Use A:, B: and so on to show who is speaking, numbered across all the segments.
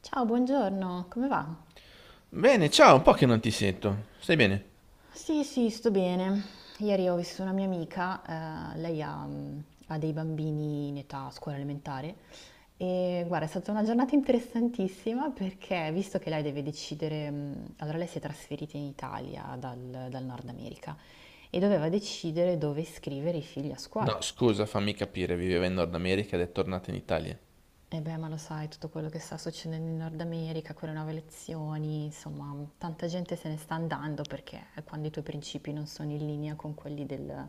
A: Ciao, buongiorno, come va?
B: Bene, ciao, un po' che non ti sento. Stai bene?
A: Sì, sì, sto bene. Ieri ho visto una mia amica, lei ha dei bambini in età scuola elementare e guarda, è stata una giornata interessantissima perché visto che lei deve decidere, allora lei si è trasferita in Italia dal Nord America e doveva decidere dove iscrivere i figli a scuola.
B: No, scusa, fammi capire, viveva in Nord America ed è tornata in Italia.
A: E beh, ma lo sai, tutto quello che sta succedendo in Nord America, quelle nuove elezioni, insomma, tanta gente se ne sta andando perché quando i tuoi principi non sono in linea con quelli del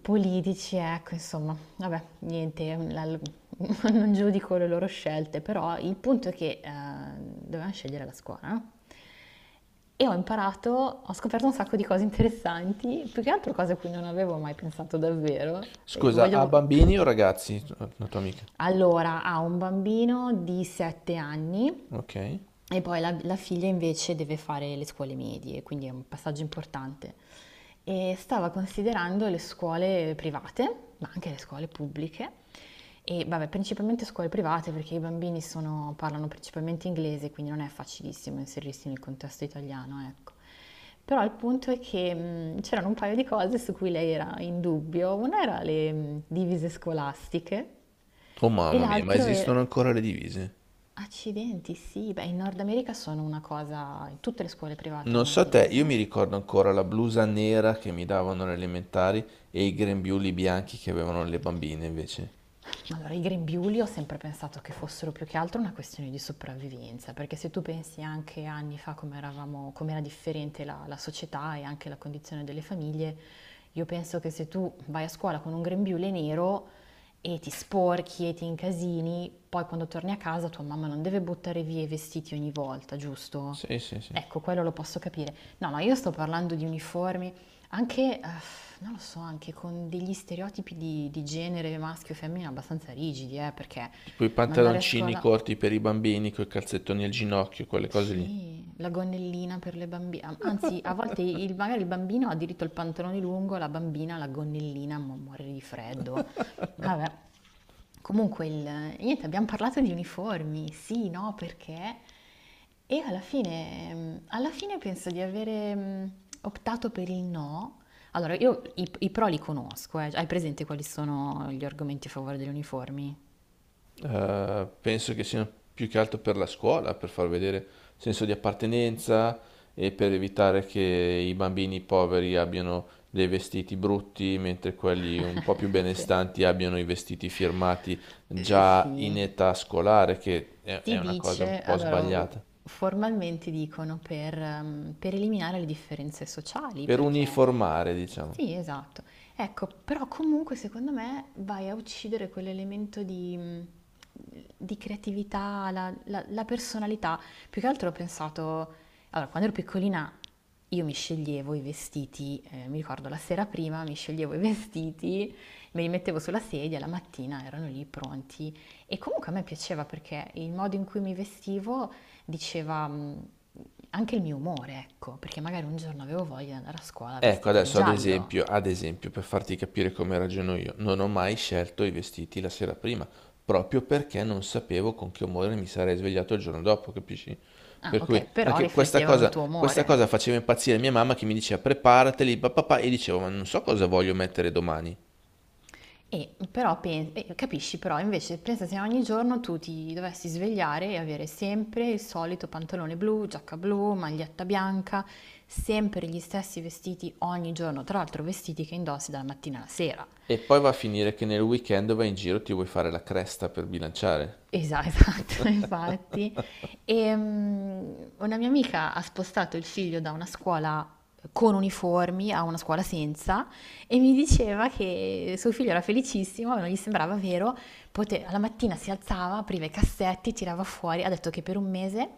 A: politici, ecco, insomma, vabbè, niente, non giudico le loro scelte, però il punto è che dovevamo scegliere la scuola, no? E ho imparato, ho scoperto un sacco di cose interessanti, più che altro cose a cui non avevo mai pensato davvero. E
B: Scusa, ha
A: voglio...
B: bambini o ragazzi? La tua amica.
A: Allora, ha un bambino di 7 anni
B: Ok.
A: e poi la figlia invece deve fare le scuole medie, quindi è un passaggio importante. E stava considerando le scuole private, ma anche le scuole pubbliche, e vabbè, principalmente scuole private perché i bambini parlano principalmente inglese, quindi non è facilissimo inserirsi nel contesto italiano, ecco. Però il punto è che c'erano un paio di cose su cui lei era in dubbio. Una era le divise scolastiche,
B: Oh
A: e
B: mamma mia, ma
A: l'altro era...
B: esistono ancora le divise?
A: Accidenti, sì, beh, in Nord America sono una cosa... Tutte le scuole private
B: Non
A: hanno la
B: so te,
A: divisa.
B: io mi ricordo ancora la blusa nera che mi davano alle elementari e i grembiuli bianchi che avevano le bambine invece.
A: Allora, i grembiuli ho sempre pensato che fossero più che altro una questione di sopravvivenza, perché se tu pensi anche anni fa come eravamo, com'era differente la società e anche la condizione delle famiglie, io penso che se tu vai a scuola con un grembiule nero e ti sporchi e ti incasini, poi quando torni a casa tua mamma non deve buttare via i vestiti ogni volta, giusto?
B: Sì, sì, sì.
A: Ecco, quello lo posso capire. No, no, io sto parlando di uniformi. Anche, non lo so, anche con degli stereotipi di genere maschio e femmina abbastanza rigidi, perché
B: Tipo i
A: mandare a
B: pantaloncini
A: scuola,
B: corti per i bambini, coi calzettoni al ginocchio, quelle cose lì.
A: sì, la gonnellina per le bambine, anzi a volte magari il bambino ha diritto al pantalone lungo, la bambina la gonnellina, ma muore di freddo. Vabbè, comunque il... niente, abbiamo parlato di uniformi, sì, no, perché? E alla fine, alla fine penso di avere optato per il no. Allora, io i pro li conosco, eh. Hai presente quali sono gli argomenti a favore degli uniformi?
B: Penso che siano più che altro per la scuola, per far vedere senso di appartenenza e per evitare che i bambini poveri abbiano dei vestiti brutti, mentre quelli un po' più
A: Sì.
B: benestanti abbiano i vestiti firmati già in
A: Sì.
B: età scolare, che è
A: Si
B: una cosa
A: dice,
B: un po'
A: allora
B: sbagliata.
A: formalmente dicono per eliminare le differenze sociali,
B: Per
A: perché
B: uniformare, diciamo.
A: sì, esatto. Ecco, però comunque secondo me vai a uccidere quell'elemento di creatività, la personalità. Più che altro ho pensato, allora, quando ero piccolina io mi sceglievo i vestiti, mi ricordo la sera prima mi sceglievo i vestiti, me li mettevo sulla sedia, la mattina erano lì pronti. E comunque a me piaceva perché il modo in cui mi vestivo diceva anche il mio umore, ecco, perché magari un giorno avevo voglia di andare a scuola
B: Ecco,
A: vestita di
B: adesso
A: giallo.
B: ad esempio, per farti capire come ragiono io, non ho mai scelto i vestiti la sera prima, proprio perché non sapevo con che umore mi sarei svegliato il giorno dopo, capisci?
A: Ah,
B: Per
A: ok,
B: cui
A: però
B: anche questa
A: riflettevano il
B: cosa,
A: tuo
B: questa
A: umore.
B: cosa faceva impazzire mia mamma che mi diceva preparateli, papà, e dicevo, ma non so cosa voglio mettere domani.
A: E però e capisci, però invece pensa se ogni giorno tu ti dovessi svegliare e avere sempre il solito pantalone blu, giacca blu, maglietta bianca, sempre gli stessi vestiti ogni giorno, tra l'altro vestiti che indossi dalla mattina alla sera.
B: E poi va a finire che nel weekend vai in giro, e ti vuoi fare la cresta per bilanciare.
A: Esa esatto, infatti. Una mia amica ha spostato il figlio da una scuola con uniformi a una scuola senza e mi diceva che suo figlio era felicissimo, ma non gli sembrava vero. Alla mattina si alzava, apriva i cassetti, tirava fuori. Ha detto che per un mese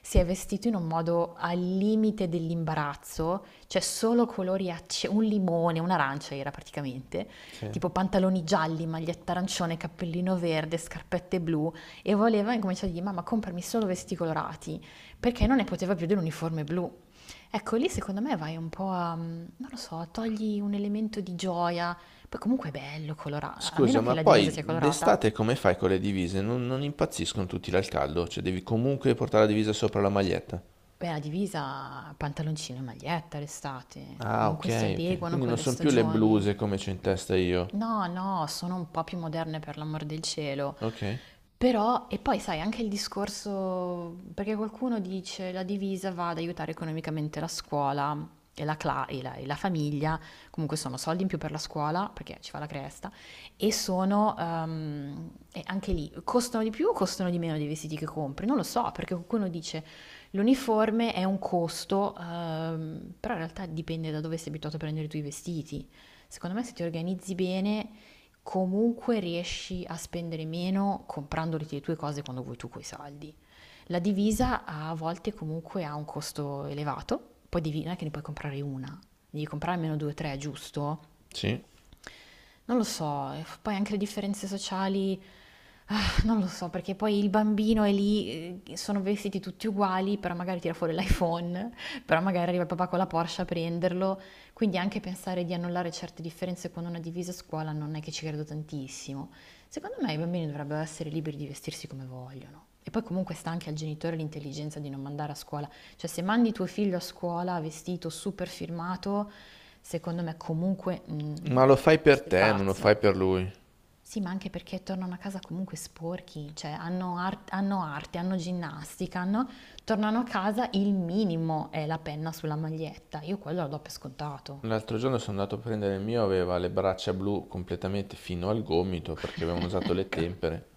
A: si è vestito in un modo al limite dell'imbarazzo, cioè solo colori un limone, un'arancia era praticamente,
B: Sì.
A: tipo pantaloni gialli, maglietta arancione, cappellino verde, scarpette blu e voleva incominciare a dire mamma comprami solo vestiti colorati perché non ne poteva più dell'uniforme blu. Ecco lì secondo me vai un po' a non lo so, togli un elemento di gioia, poi comunque è bello colorato, a meno
B: Scusa,
A: che
B: ma
A: la divisa
B: poi
A: sia colorata.
B: d'estate come fai con le divise? Non impazziscono tutti dal caldo, cioè devi comunque portare la divisa sopra la maglietta.
A: Beh, la divisa, pantaloncino e maglietta l'estate,
B: Ah, ok,
A: comunque si
B: ok.
A: adeguano
B: Quindi
A: con
B: non
A: le
B: sono più le
A: stagioni.
B: bluse come c'ho in testa io.
A: No, no, sono un po' più moderne per l'amor del cielo.
B: Ok,
A: Però, e poi sai, anche il discorso, perché qualcuno dice la divisa va ad aiutare economicamente la scuola e la, cla- e la famiglia, comunque sono soldi in più per la scuola, perché ci fa la cresta, e e anche lì, costano di più o costano di meno dei vestiti che compri? Non lo so, perché qualcuno dice l'uniforme è un costo, però in realtà dipende da dove sei abituato a prendere i tuoi vestiti. Secondo me se ti organizzi bene, comunque riesci a spendere meno comprandoti le tue cose quando vuoi tu coi soldi. La divisa a volte comunque ha un costo elevato, poi divina che ne puoi comprare una, devi comprare almeno due o tre, giusto?
B: sì.
A: Non lo so, e poi anche le differenze sociali, ah, non lo so, perché poi il bambino è lì, sono vestiti tutti uguali, però magari tira fuori l'iPhone, però magari arriva il papà con la Porsche a prenderlo, quindi anche pensare di annullare certe differenze con una divisa a scuola non è che ci credo tantissimo. Secondo me i bambini dovrebbero essere liberi di vestirsi come vogliono. E poi comunque sta anche al genitore l'intelligenza di non mandare a scuola cioè se mandi tuo figlio a scuola vestito super firmato, secondo me comunque
B: Ma lo fai per
A: sei
B: te, non lo fai
A: pazzo.
B: per lui.
A: Sì, ma anche perché tornano a casa comunque sporchi, cioè hanno arte, hanno ginnastica, tornano a casa il minimo è la penna sulla maglietta. Io quello lo do per scontato.
B: L'altro giorno sono andato a prendere il mio, aveva le braccia blu completamente fino al gomito perché avevano usato le
A: Ecco.
B: tempere.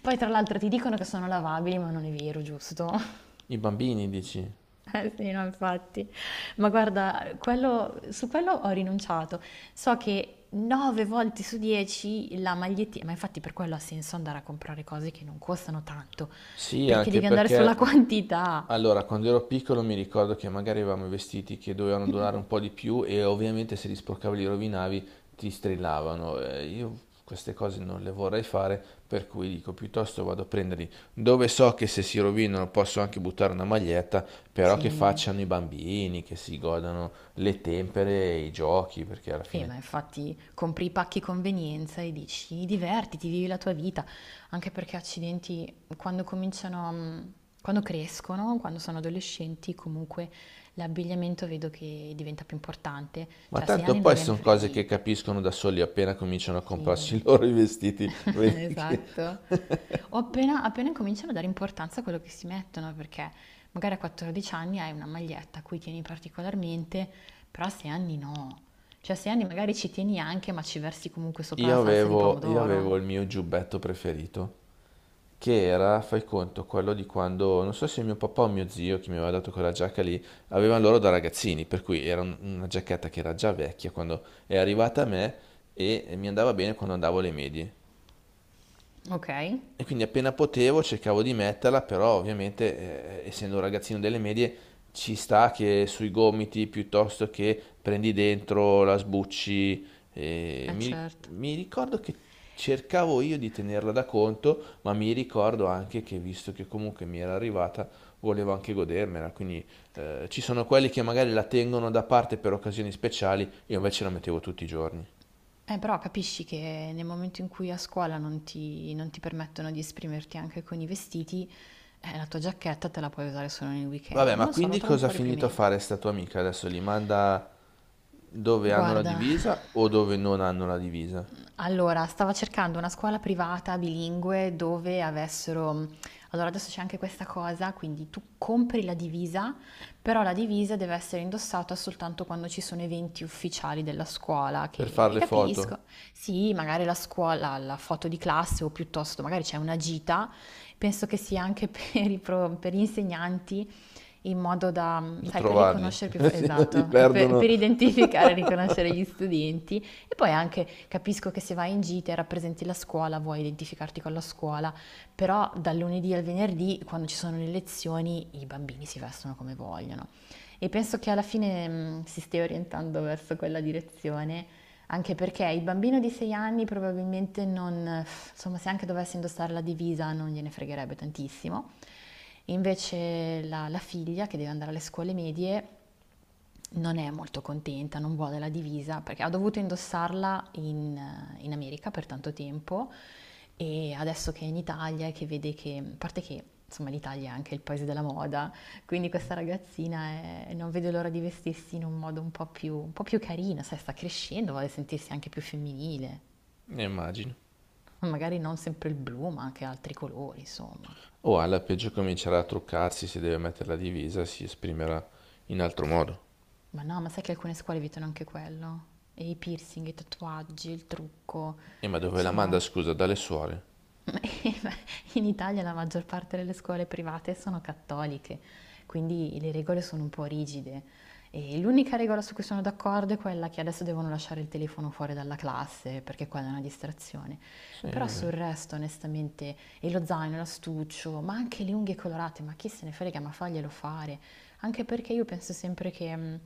A: Poi tra l'altro ti dicono che sono lavabili, ma non è vero, giusto?
B: I bambini, dici?
A: Eh sì, no, infatti. Ma guarda, quello- su quello ho rinunciato. So che 9 volte su 10 la magliettina, ma infatti per quello ha senso andare a comprare cose che non costano tanto,
B: Sì,
A: perché
B: anche
A: devi andare sulla
B: perché
A: quantità.
B: allora, quando ero piccolo mi ricordo che magari avevamo i vestiti che dovevano durare un po' di più e ovviamente se li sporcavi, li rovinavi, ti strillavano. Io queste cose non le vorrei fare, per cui dico piuttosto vado a prenderli dove so che se si rovinano posso anche buttare una maglietta, però che
A: Sì.
B: facciano i bambini, che si godano le tempere, e i giochi, perché alla fine...
A: Ma infatti compri i pacchi convenienza e dici divertiti, vivi la tua vita, anche perché accidenti, quando cominciano, quando crescono, quando sono adolescenti, comunque l'abbigliamento vedo che diventa più importante,
B: Ma
A: cioè a sei
B: tanto
A: anni non
B: poi
A: gliene
B: sono
A: frega
B: cose che
A: niente.
B: capiscono da soli appena cominciano a comprarsi
A: Sì,
B: i loro i vestiti, vedi che...
A: esatto. O appena, appena incominciano a dare importanza a quello che si mettono, perché magari a 14 anni hai una maglietta a cui tieni particolarmente, però a 6 anni no. Cioè a 6 anni magari ci tieni anche, ma ci versi comunque sopra la
B: Io
A: salsa di
B: avevo, io avevo il
A: pomodoro.
B: mio giubbetto preferito, che era, fai conto, quello di quando, non so se mio papà o mio zio, che mi aveva dato quella giacca lì, avevano loro da ragazzini, per cui era una giacchetta che era già vecchia quando è arrivata a me e mi andava bene quando andavo alle medie.
A: Ok? Eh,
B: E quindi appena potevo cercavo di metterla, però ovviamente essendo un ragazzino delle medie ci sta che sui gomiti piuttosto che prendi dentro, la sbucci. eh, mi,
A: certo.
B: Mi ricordo che cercavo io di tenerla da conto, ma mi ricordo anche che visto che comunque mi era arrivata, volevo anche godermela. Quindi ci sono quelli che magari la tengono da parte per occasioni speciali, io invece la mettevo tutti i giorni.
A: Però capisci che nel momento in cui a scuola non ti permettono di esprimerti anche con i vestiti, la tua giacchetta te la puoi usare solo nel weekend.
B: Vabbè,
A: Non
B: ma
A: lo so, lo
B: quindi
A: trovo un
B: cosa ha
A: po'
B: finito a
A: riprimente.
B: fare sta tua amica adesso? Li manda dove hanno la
A: Guarda.
B: divisa o dove non hanno la divisa?
A: Allora, stava cercando una scuola privata bilingue dove avessero... Allora, adesso c'è anche questa cosa, quindi tu compri la divisa, però la divisa deve essere indossata soltanto quando ci sono eventi ufficiali della scuola,
B: Per fare
A: che
B: le foto,
A: capisco. Sì, magari la scuola, la foto di classe o piuttosto magari c'è una gita, penso che sia anche per i per gli insegnanti in modo da,
B: da
A: sai, per
B: trovarli,
A: riconoscere più,
B: se no li
A: esatto,
B: perdono.
A: per identificare e riconoscere gli studenti e poi anche capisco che se vai in gita e rappresenti la scuola, vuoi identificarti con la scuola, però dal lunedì al venerdì, quando ci sono le lezioni, i bambini si vestono come vogliono. E penso che alla fine si stia orientando verso quella direzione, anche perché il bambino di 6 anni probabilmente non, insomma, se anche dovesse indossare la divisa non gliene fregherebbe tantissimo. Invece la figlia che deve andare alle scuole medie non è molto contenta, non vuole la divisa perché ha dovuto indossarla in, in America per tanto tempo e adesso che è in Italia e che vede che, a parte che insomma l'Italia è anche il paese della moda, quindi questa ragazzina non vede l'ora di vestirsi in un modo un po' più carino, sai, sta crescendo, vuole sentirsi anche più femminile,
B: Ne immagino.
A: magari non sempre il blu ma anche altri colori, insomma.
B: O alla peggio comincerà a truccarsi, se deve mettere la divisa si esprimerà in altro modo.
A: Ma no, ma sai che alcune scuole evitano anche quello? E i piercing, i tatuaggi, il trucco,
B: E ma dove la
A: insomma,
B: manda, scusa, dalle suore?
A: in Italia la maggior parte delle scuole private sono cattoliche, quindi le regole sono un po' rigide. E l'unica regola su cui sono d'accordo è quella che adesso devono lasciare il telefono fuori dalla classe perché quella è una distrazione.
B: Sì,
A: Però
B: va
A: sul
B: bene.
A: resto, onestamente, e lo zaino, l'astuccio, ma anche le unghie colorate, ma chi se ne frega, ma faglielo fare. Anche perché io penso sempre che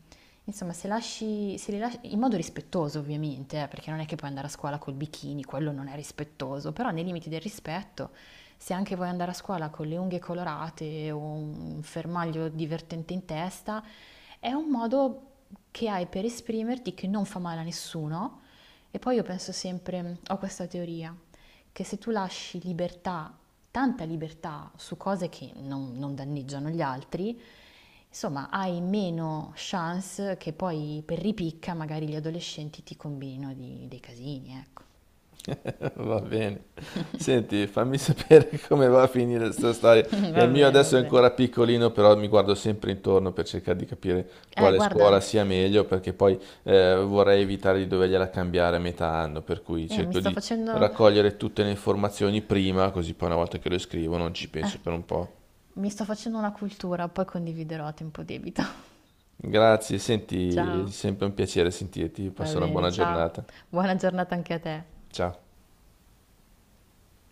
A: insomma, se lasci, se li lasci in modo rispettoso ovviamente, perché non è che puoi andare a scuola col bikini, quello non è rispettoso, però nei limiti del rispetto, se anche vuoi andare a scuola con le unghie colorate o un fermaglio divertente in testa, è un modo che hai per esprimerti che non fa male a nessuno. E poi io penso sempre, ho questa teoria, che se tu lasci libertà tanta libertà su cose che non danneggiano gli altri, insomma hai meno chance che poi per ripicca magari gli adolescenti ti combinino dei casini, ecco.
B: Va bene. Senti, fammi sapere come va a finire questa storia, che
A: Va
B: il mio
A: bene, va
B: adesso è
A: bene.
B: ancora piccolino, però mi guardo sempre intorno per cercare di capire
A: Eh,
B: quale
A: guarda,
B: scuola sia meglio, perché poi vorrei evitare di dovergliela cambiare a metà anno, per cui
A: eh, mi
B: cerco
A: sto
B: di
A: facendo,
B: raccogliere tutte le informazioni prima, così poi una volta che lo scrivo non ci penso per un po'.
A: mi sto facendo una cultura, poi condividerò a tempo debito.
B: Grazie, senti, è
A: Ciao,
B: sempre un piacere sentirti,
A: va
B: passa una
A: bene,
B: buona
A: ciao.
B: giornata.
A: Buona giornata anche a te.
B: Ciao.